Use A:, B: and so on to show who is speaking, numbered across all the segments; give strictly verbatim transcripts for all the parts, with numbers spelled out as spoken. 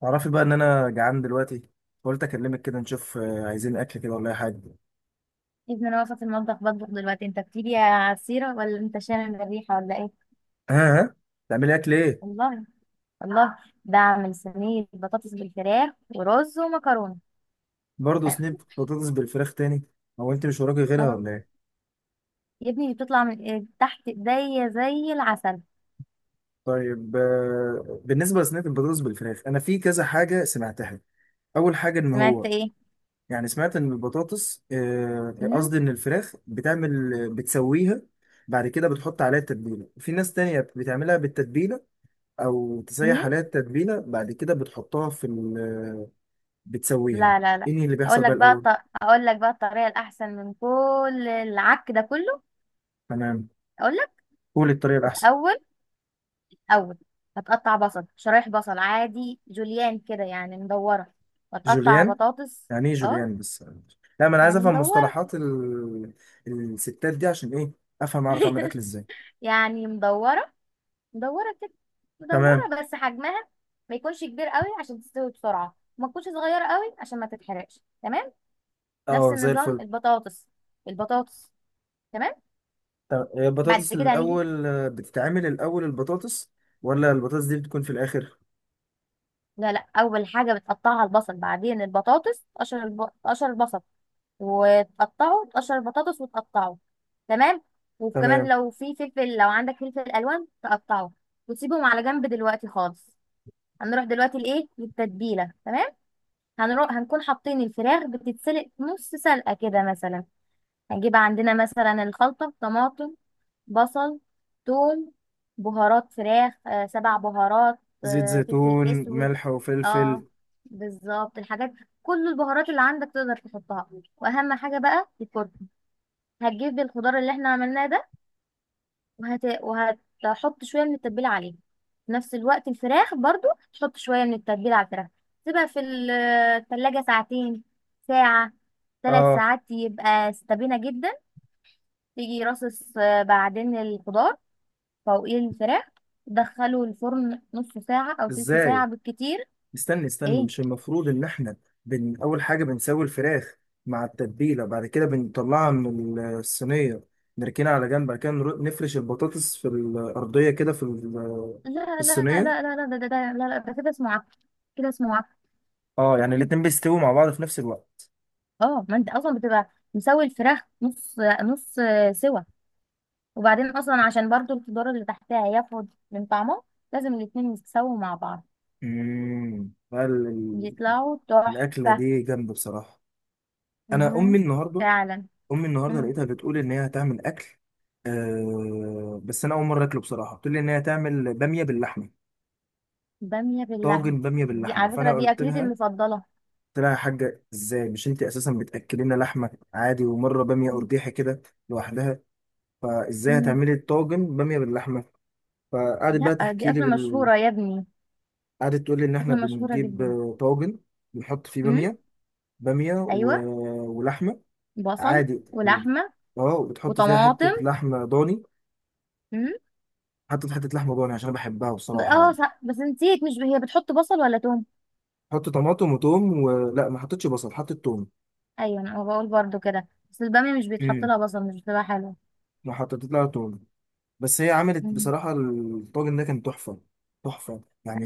A: تعرفي بقى ان انا جعان دلوقتي. قلت اكلمك كده نشوف، آه، عايزين اكل كده ولا اي حاجه؟
B: ابن انا واقفه في المطبخ بطبخ دلوقتي. انت بتيجي يا عصيره ولا انت شامم الريحه ولا ايه؟
A: ها ها. تعملي اكل ايه؟
B: والله. والله ده اعمل صينيه بطاطس بالفراخ ورز ومكرونه.
A: برضه سنيب بطاطس بالفراخ تاني؟ هو انت مش وراكي غيرها
B: اه
A: ولا ايه؟
B: يا ابني دي بتطلع من إيه؟ تحت ايديا زي العسل.
A: طيب، آه، بالنسبه لسنيب البطاطس بالفراخ انا في كذا حاجه سمعتها. اول حاجه ان
B: سمعت
A: هو
B: ايه؟
A: يعني سمعت ان البطاطس، آه،
B: امم
A: قصدي ان الفراخ بتعمل بتسويها. بعد كده بتحط عليها التتبيله، في ناس تانية بتعملها بالتتبيله او
B: امم
A: تسيح عليها التتبيله بعد كده بتحطها في، بتسويها.
B: لا لا لا.
A: ايه اللي
B: اقول
A: بيحصل
B: لك
A: بقى
B: بقى الط...
A: الاول؟
B: اقول لك بقى الطريقه الاحسن من كل العك ده كله.
A: تمام.
B: اقول لك.
A: قول الطريقه الاحسن.
B: الاول. اول هتقطع بصل، شرايح بصل عادي جوليان كده، يعني مدوره. وتقطع
A: جوليان؟
B: بطاطس.
A: يعني ايه
B: اه،
A: جوليان بس؟ لا، ما انا عايز
B: يعني
A: افهم
B: مدوره،
A: مصطلحات ال... الستات دي عشان ايه؟ افهم اعرف اعمل اكل ازاي.
B: يعني مدورة، مدورة كده،
A: تمام.
B: مدورة بس حجمها ما يكونش كبير قوي عشان تستوي بسرعة وما تكونش صغيرة قوي عشان ما تتحرقش. تمام. نفس
A: اه زي
B: النظام
A: الفل.
B: البطاطس البطاطس. تمام.
A: طب هي
B: بعد
A: البطاطس
B: كده هنيجي.
A: الاول، آه، بتتعمل الاول البطاطس ولا البطاطس دي بتكون في الاخر؟
B: لا لا، أول حاجة بتقطعها البصل، بعدين البطاطس. تقشر الب... تقشر البصل وتقطعه، تقشر البطاطس وتقطعه. تمام. وكمان
A: تمام.
B: لو في فلفل، لو عندك فلفل ألوان تقطعه. وتسيبهم على جنب دلوقتي خالص. هنروح دلوقتي لإيه؟ للتتبيلة. تمام. هنروح هنكون حاطين الفراخ بتتسلق نص سلقة كده مثلا. هنجيب عندنا مثلا الخلطة: طماطم، بصل، ثوم، بهارات فراخ، آه، سبع بهارات،
A: زيت
B: آه، فلفل
A: زيتون
B: اسود.
A: ملح
B: اه،
A: وفلفل.
B: بالظبط الحاجات، كل البهارات اللي عندك تقدر تحطها، واهم حاجة بقى الكركم. هتجيب الخضار اللي احنا عملناه ده وهت... وهتحط شويه من التتبيله عليه. في نفس الوقت الفراخ برضو تحط شويه من التتبيله على الفراخ. تسيبها في ال- التلاجة ساعتين، ساعه، ثلاث
A: اه.
B: ساعات يبقى استبينه جدا. تيجي رصص، آه، بعدين الخضار فوقيه الفراخ. دخله الفرن نص ساعه او تلت
A: ازاي؟
B: ساعه بالكتير.
A: استني استني،
B: ايه؟
A: مش المفروض ان احنا بن اول حاجه بنسوي الفراخ مع التتبيله بعد كده بنطلعها من الصينيه، نركنها على جنب، بعد كده نر- نفرش البطاطس في الارضيه كده في ال- في
B: لا لا
A: الصينيه؟
B: لا لا لا، ده ده ده لا لا، ده كده اسمه عك. كده اسمه عك.
A: اه يعني الاتنين بيستووا مع بعض في نفس الوقت.
B: اه، ما انت اصلا بتبقى مسوي الفراخ نص، نص آه، سوا. وبعدين اصلا عشان برضو الخضار اللي تحتها ياخد من طعمه، لازم الاتنين يتساووا مع بعض.
A: امم ال- ال-
B: بيطلعوا
A: الاكله
B: تحفة.
A: دي جامده بصراحه. انا امي
B: مهم.
A: النهارده
B: فعلا.
A: امي النهارده
B: مم.
A: لقيتها بتقول ان هي هتعمل اكل. أه بس انا اول مره اكله بصراحه، بتقول لي ان هي هتعمل باميه باللحمه،
B: بامية باللحمة؟
A: طاجن باميه
B: دي
A: باللحمه،
B: على فكرة
A: فانا
B: دي
A: قلت
B: أكلتي
A: لها.
B: المفضلة.
A: قلت لها يا حاجة ازاي، مش انت اساسا بتاكلي لنا لحمه عادي ومره باميه
B: مم.
A: قرديحي كده لوحدها؟ فازاي
B: مم.
A: هتعملي طاجن باميه باللحمه؟ فقعدت بقى
B: لا، دي
A: تحكي لي
B: أكلة
A: بال...
B: مشهورة يا ابني.
A: قعدت تقول لي ان احنا
B: أكلة مشهورة
A: بنجيب،
B: جدا.
A: آه، طاجن بنحط فيه
B: مم.
A: باميه، باميه و...
B: أيوة.
A: ولحمه
B: بصل
A: عادي و...
B: ولحمة
A: اه وبتحط فيها حته
B: وطماطم.
A: لحمه ضاني.
B: مم.
A: حطيت حته لحمه ضاني عشان انا بحبها
B: ب-
A: بصراحه
B: اه
A: يعني.
B: صح. بس نسيت، مش ب- هي بتحط بصل ولا توم؟
A: حط طماطم وتوم، ولا ما حطيتش بصل حطيت توم؟
B: أيوة أنا بقول برضو كده، بس البامية مش بيتحط
A: امم
B: لها بصل، مش بتبقى حلوة.
A: ما حطيت لها توم. بس هي عملت
B: مم.
A: بصراحة الطاجن ده كان تحفة، تحفة يعني.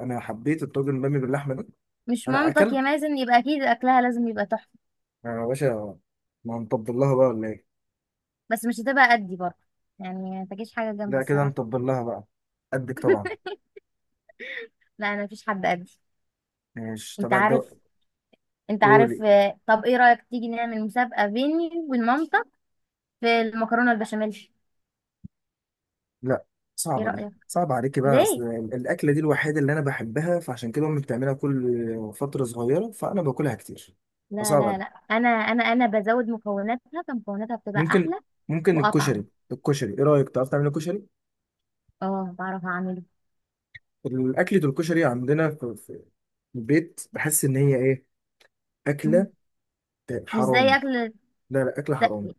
A: أنا حبيت الطاجن بامي باللحمة ده.
B: مش
A: أنا
B: مامتك يا
A: أكلت
B: مازن؟ يبقى اكيد اكلها لازم يبقى تحفه.
A: يا باشا. ما هنطبل لها بقى ولا إيه؟
B: بس مش هتبقى قدي برضه، يعني ما تجيش حاجه جنبي
A: لا كده
B: الصراحه.
A: هنطبل لها بقى. قدك طبعا.
B: لا انا مفيش حد قدي.
A: مش
B: انت
A: تبع
B: عارف.
A: الدواء.
B: انت عارف.
A: قولي.
B: آه، طب ايه رايك تيجي نعمل مسابقه بيني وبين مامتك في المكرونه البشاميل؟
A: لا.
B: ايه
A: صعبة، دي
B: رايك؟
A: صعبة عليكي بقى، أصل
B: ليه؟
A: الأكلة دي الوحيدة اللي أنا بحبها، فعشان كده أمي بتعملها كل فترة صغيرة، فأنا باكلها كتير،
B: لا
A: فصعب
B: لا لا،
A: عليك.
B: انا انا انا بزود مكوناتها، فمكوناتها بتبقى
A: ممكن.
B: احلى
A: ممكن الكشري.
B: واطعم.
A: الكشري، إيه رأيك تعرف تعمل كشري؟
B: اه بعرف اعمله.
A: الأكلة الكشري عندنا البيت، بحس ان هي ايه،
B: مم.
A: اكله
B: مش زي
A: حرام.
B: اكل.
A: لا لا، اكله
B: د-
A: حرام.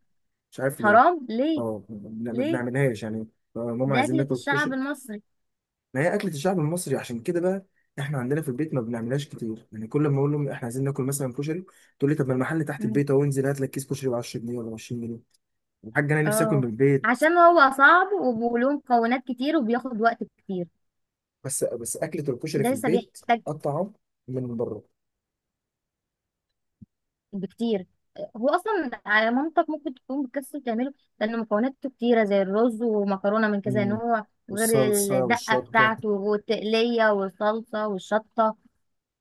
A: مش عارف ليه.
B: حرام ليه؟
A: اه ما ما
B: ليه؟
A: بنعملهاش يعني. آه، ماما
B: دي
A: عايزين
B: اكله
A: ناكل
B: الشعب
A: كشري.
B: المصري.
A: ما هي اكله الشعب المصري عشان كده بقى. احنا عندنا في البيت ما بنعملهاش كتير يعني، كل ما اقول لهم احنا عايزين ناكل مثلا كشري تقول لي طب ما المحل تحت البيت اهو، انزل هات لك كيس كشري ب عشر جنيهات ولا عشرون جنيها. الحاج انا نفسي اكل من
B: اه،
A: البيت.
B: عشان هو صعب وبيقولوه مكونات كتير وبياخد وقت كتير.
A: بس بس اكله الكشري
B: ده
A: في
B: لسه
A: البيت
B: بيحتاج
A: اطعم من بره.
B: بكتير. هو اصلا على مامتك ممكن تكون بتكسل تعمله، لان مكوناته كتيره زي الرز ومكرونه من كذا
A: مم.
B: نوع، وغير
A: والصلصه
B: الدقه
A: والشطه.
B: بتاعته والتقليه والصلصه والشطه.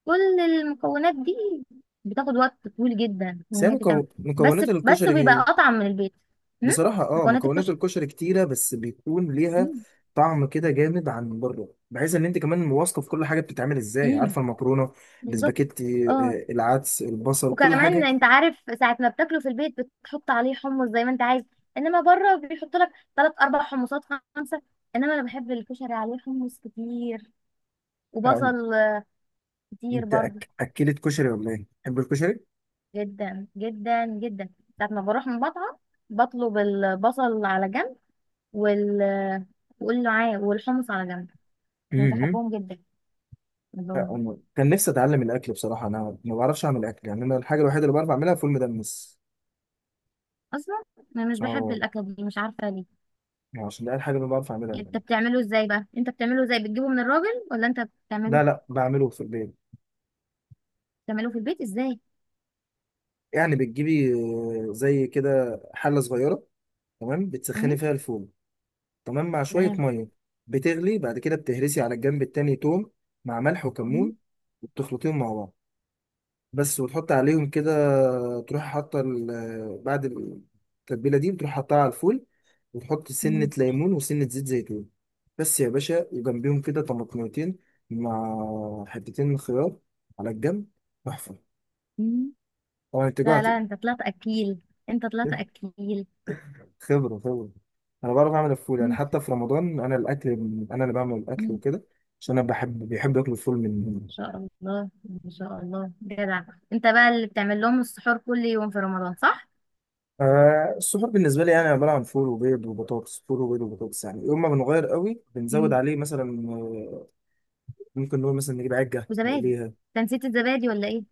B: كل المكونات دي بتاخد وقت طويل جدا
A: بس
B: ان
A: هي
B: هي تتعمل.
A: مكو-
B: بس
A: مكونات
B: بس
A: الكشري.
B: بيبقى اطعم من البيت. م?
A: بصراحة، اه
B: مكونات
A: مكونات
B: الكشك.
A: الكشري كتيرة، بس بيكون ليها
B: م-
A: طعم كده جامد عن بره، بحيث ان انت كمان واثقة في كل حاجة بتتعمل ازاي،
B: م.
A: عارفة المكرونة
B: بالظبط.
A: الاسباجيتي،
B: اه،
A: آه، العدس البصل كل
B: وكمان
A: حاجة
B: انت عارف ساعة ما بتاكله في البيت بتحط عليه حمص زي ما انت عايز. انما بره بيحط لك تلات اربع حمصات، خمسة. انما انا بحب الكشري عليه حمص كتير،
A: يعني.
B: وبصل كتير
A: انت
B: برضه.
A: أك... اكلت كشري ولا ايه؟ تحب الكشري؟
B: جدا جدا جدا. ساعة ما بروح من مطعم بطلب البصل على جنب، وال وقول له عاي والحمص على جنب. انا
A: امم
B: بحبهم جدا.
A: لا،
B: بحبهم.
A: أنا كان نفسي اتعلم الاكل بصراحة، انا ما بعرفش اعمل اكل يعني، انا الحاجة الوحيدة اللي بعرف اعملها فول مدمس.
B: اصلا انا مش بحب
A: اه
B: الاكله دي، مش عارفه ليه.
A: يعني عشان ده الحاجة اللي بعرف اعملها
B: انت
A: يعني.
B: بتعمله ازاي بقى؟ انت بتعمله ازاي؟ بتجيبه من الراجل ولا انت بتعمله؟
A: لا لا، بعمله في البيت.
B: بتعمله في البيت ازاي؟
A: يعني بتجيبي، آه، زي كده حلة صغيرة، تمام، بتسخني
B: إمم.
A: فيها الفول تمام مع شوية
B: تمام.
A: مية، بتغلي، بعد كده بتهرسي على الجنب التاني توم مع ملح
B: مم.
A: وكمون، وبتخلطيهم مع بعض بس، وتحط عليهم كده تروح حاطة ال- بعد، التتبيلة دي بتروح حاطها على الفول، وتحط
B: مم.
A: سنة ليمون وسنة زيت زيتون بس يا باشا، وجنبيهم كده طماطميتين مع حتتين خيار على الجنب، تحفة.
B: مم.
A: طبعا انت
B: لا
A: جعت.
B: لا، انت طلعت اكيل. انت طلعت اكيل.
A: خبرة خبرة. أنا بعرف أعمل الفول يعني،
B: مم.
A: حتى في رمضان أنا الأكل، أنا اللي بعمل
B: مم.
A: الأكل
B: ان
A: وكده، عشان أنا بحب بيحب ياكلوا الفول من.
B: شاء الله. ان شاء الله جدع. انت بقى اللي بتعمل لهم السحور كل يوم في رمضان صح؟
A: آه السحور بالنسبة لي يعني، أنا عبارة عن فول وبيض وبطاطس، فول وبيض وبطاطس، يعني يوم ما بنغير قوي بنزود
B: مم.
A: عليه مثلا، آه، ممكن نقول مثلا نجيب عجة
B: وزبادي.
A: نقليها.
B: انت نسيت الزبادي ولا ايه؟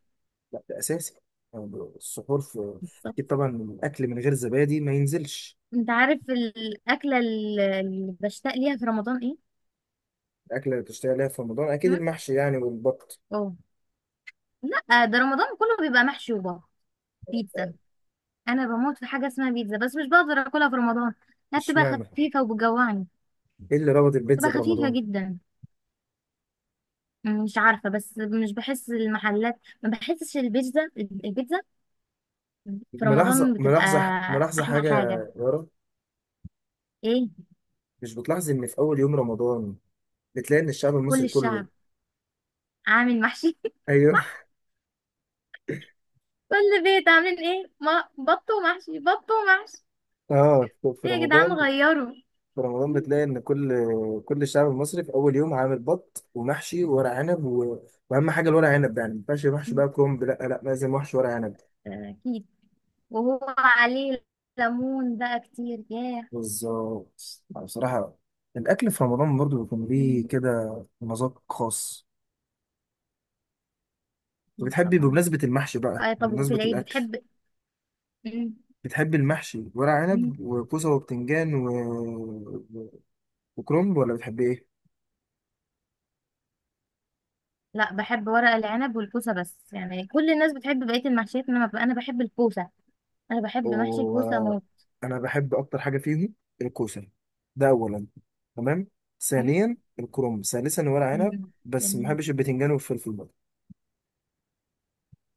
A: لا ده أساسي. آه، السحور في،
B: بالظبط.
A: أكيد طبعا الأكل من غير زبادي ما ينزلش.
B: انت عارف الاكله ال- اللي بشتاق ليها في رمضان ايه؟
A: الأكلة اللي بتشتغل عليها في رمضان أكيد
B: مم؟
A: المحشي يعني والبط.
B: اه. لا، ده رمضان كله بيبقى محشي وبابا. بيتزا. انا بموت في حاجه اسمها بيتزا، بس مش بقدر اكلها في رمضان. لا بتبقى
A: اشمعنى؟
B: خفيفه وبتجوعني.
A: إيه اللي ربط البيتزا
B: بتبقى خفيفه
A: برمضان؟
B: جدا. مش عارفة، بس مش بحس المحلات، ما بحسش البيتزا. البيتزا في
A: ملاحظة
B: رمضان بتبقى
A: ملاحظة ملاحظة
B: أحلى
A: حاجة
B: حاجة.
A: يا يارا،
B: إيه؟
A: مش بتلاحظ إن في أول يوم رمضان بتلاقي إن الشعب
B: كل
A: المصري كله؟
B: الشعب عامل محشي.
A: أيوه.
B: صح. كل بيت عاملين إيه؟ ما بط ومحشي، بط ومحشي.
A: آه في
B: إيه يا جدعان
A: رمضان،
B: غيروا.
A: في رمضان بتلاقي إن كل كل الشعب المصري في أول يوم عامل بط ومحشي وورق عنب و... وأهم حاجة الورق عنب، يعني ما ينفعش محشي بقى كرنب، لا لا لازم محشي ورق عنب.
B: أكيد. وهو عليه ليمون بقى كتير، ياه.
A: بالظبط، آه، بصراحة الأكل في رمضان برضه بيكون ليه
B: مم.
A: كده مذاق خاص. طب
B: أكيد
A: بتحبي
B: طبعا.
A: بمناسبة المحشي بقى
B: آه طب وفي
A: بمناسبة
B: العيد
A: الأكل،
B: بتحب؟ مم.
A: بتحب المحشي ورق
B: مم.
A: عنب وكوسة وبتنجان و... و- وكرنب ولا بتحب ايه؟
B: لا بحب ورق العنب والكوسة بس. يعني كل الناس بتحب بقية المحشيات، إنما أنا بحب الكوسة. انا بحب محشي الكوسه موت.
A: وانا بحب اكتر حاجة فيهم الكوسة، ده اولا، تمام،
B: أي؟
A: ثانيا الكرنب، ثالثا ورق عنب،
B: مم.
A: بس ما
B: جميل.
A: بحبش البتنجان والفلفل برضه.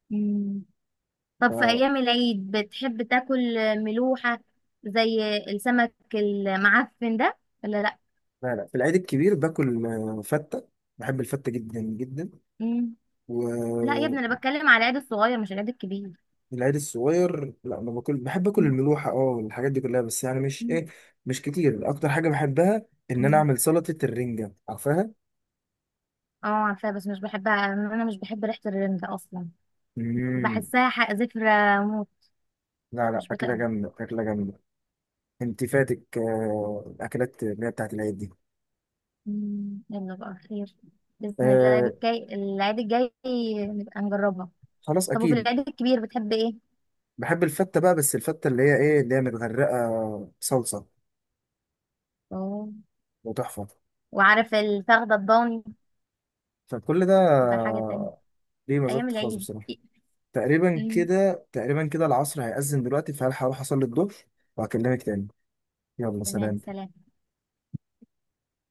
B: مم. طب في
A: ف-
B: ايام العيد بتحب تاكل ملوحه زي السمك المعفن ده ولا لا؟
A: لا لا، في العيد الكبير باكل، آه، فتة، بحب الفتة جدا جدا.
B: مم. لا يا ابني انا
A: والعيد
B: بتكلم على العيد الصغير مش العيد الكبير.
A: الصغير لا ما باكل، بحب اكل
B: مم.
A: الملوحة اه والحاجات دي كلها، بس يعني مش
B: مم.
A: ايه، مش كتير. اكتر حاجة بحبها ان انا
B: مم.
A: اعمل سلطة الرنجة، عارفها؟
B: اه عارفاه، بس مش بحبها. انا مش بحب ريحه الرنجة اصلا.
A: مم.
B: بحسها ح- زفرة موت.
A: لا لا،
B: مش
A: أكلة
B: بطيقها.
A: جامدة أكلة جامدة. أنت فاتك، آه، الأكلات اللي هي بتاعت العيد دي.
B: مم. يلا بقى، خير باذن الله. العيد
A: آه.
B: الجاي، العيد الجاي نبقى نجربها.
A: خلاص
B: طب وفي
A: أكيد.
B: العيد الكبير بتحب ايه؟
A: بحب الفتة بقى، بس الفتة اللي هي إيه، اللي هي متغرقة صلصة
B: اه،
A: وتحفة،
B: وعارف الفخدة الضاني
A: فكل ده
B: تبقى حاجة تانية.
A: آه، ليه
B: أيام
A: مزاج خاص
B: العيد.
A: بصراحة. تقريبا
B: أمم.
A: كده تقريبا كده العصر هيأذن دلوقتي، فهلحق أروح أصلي الظهر وهكلمك تاني. يلا
B: تمام
A: سلام.
B: سلام.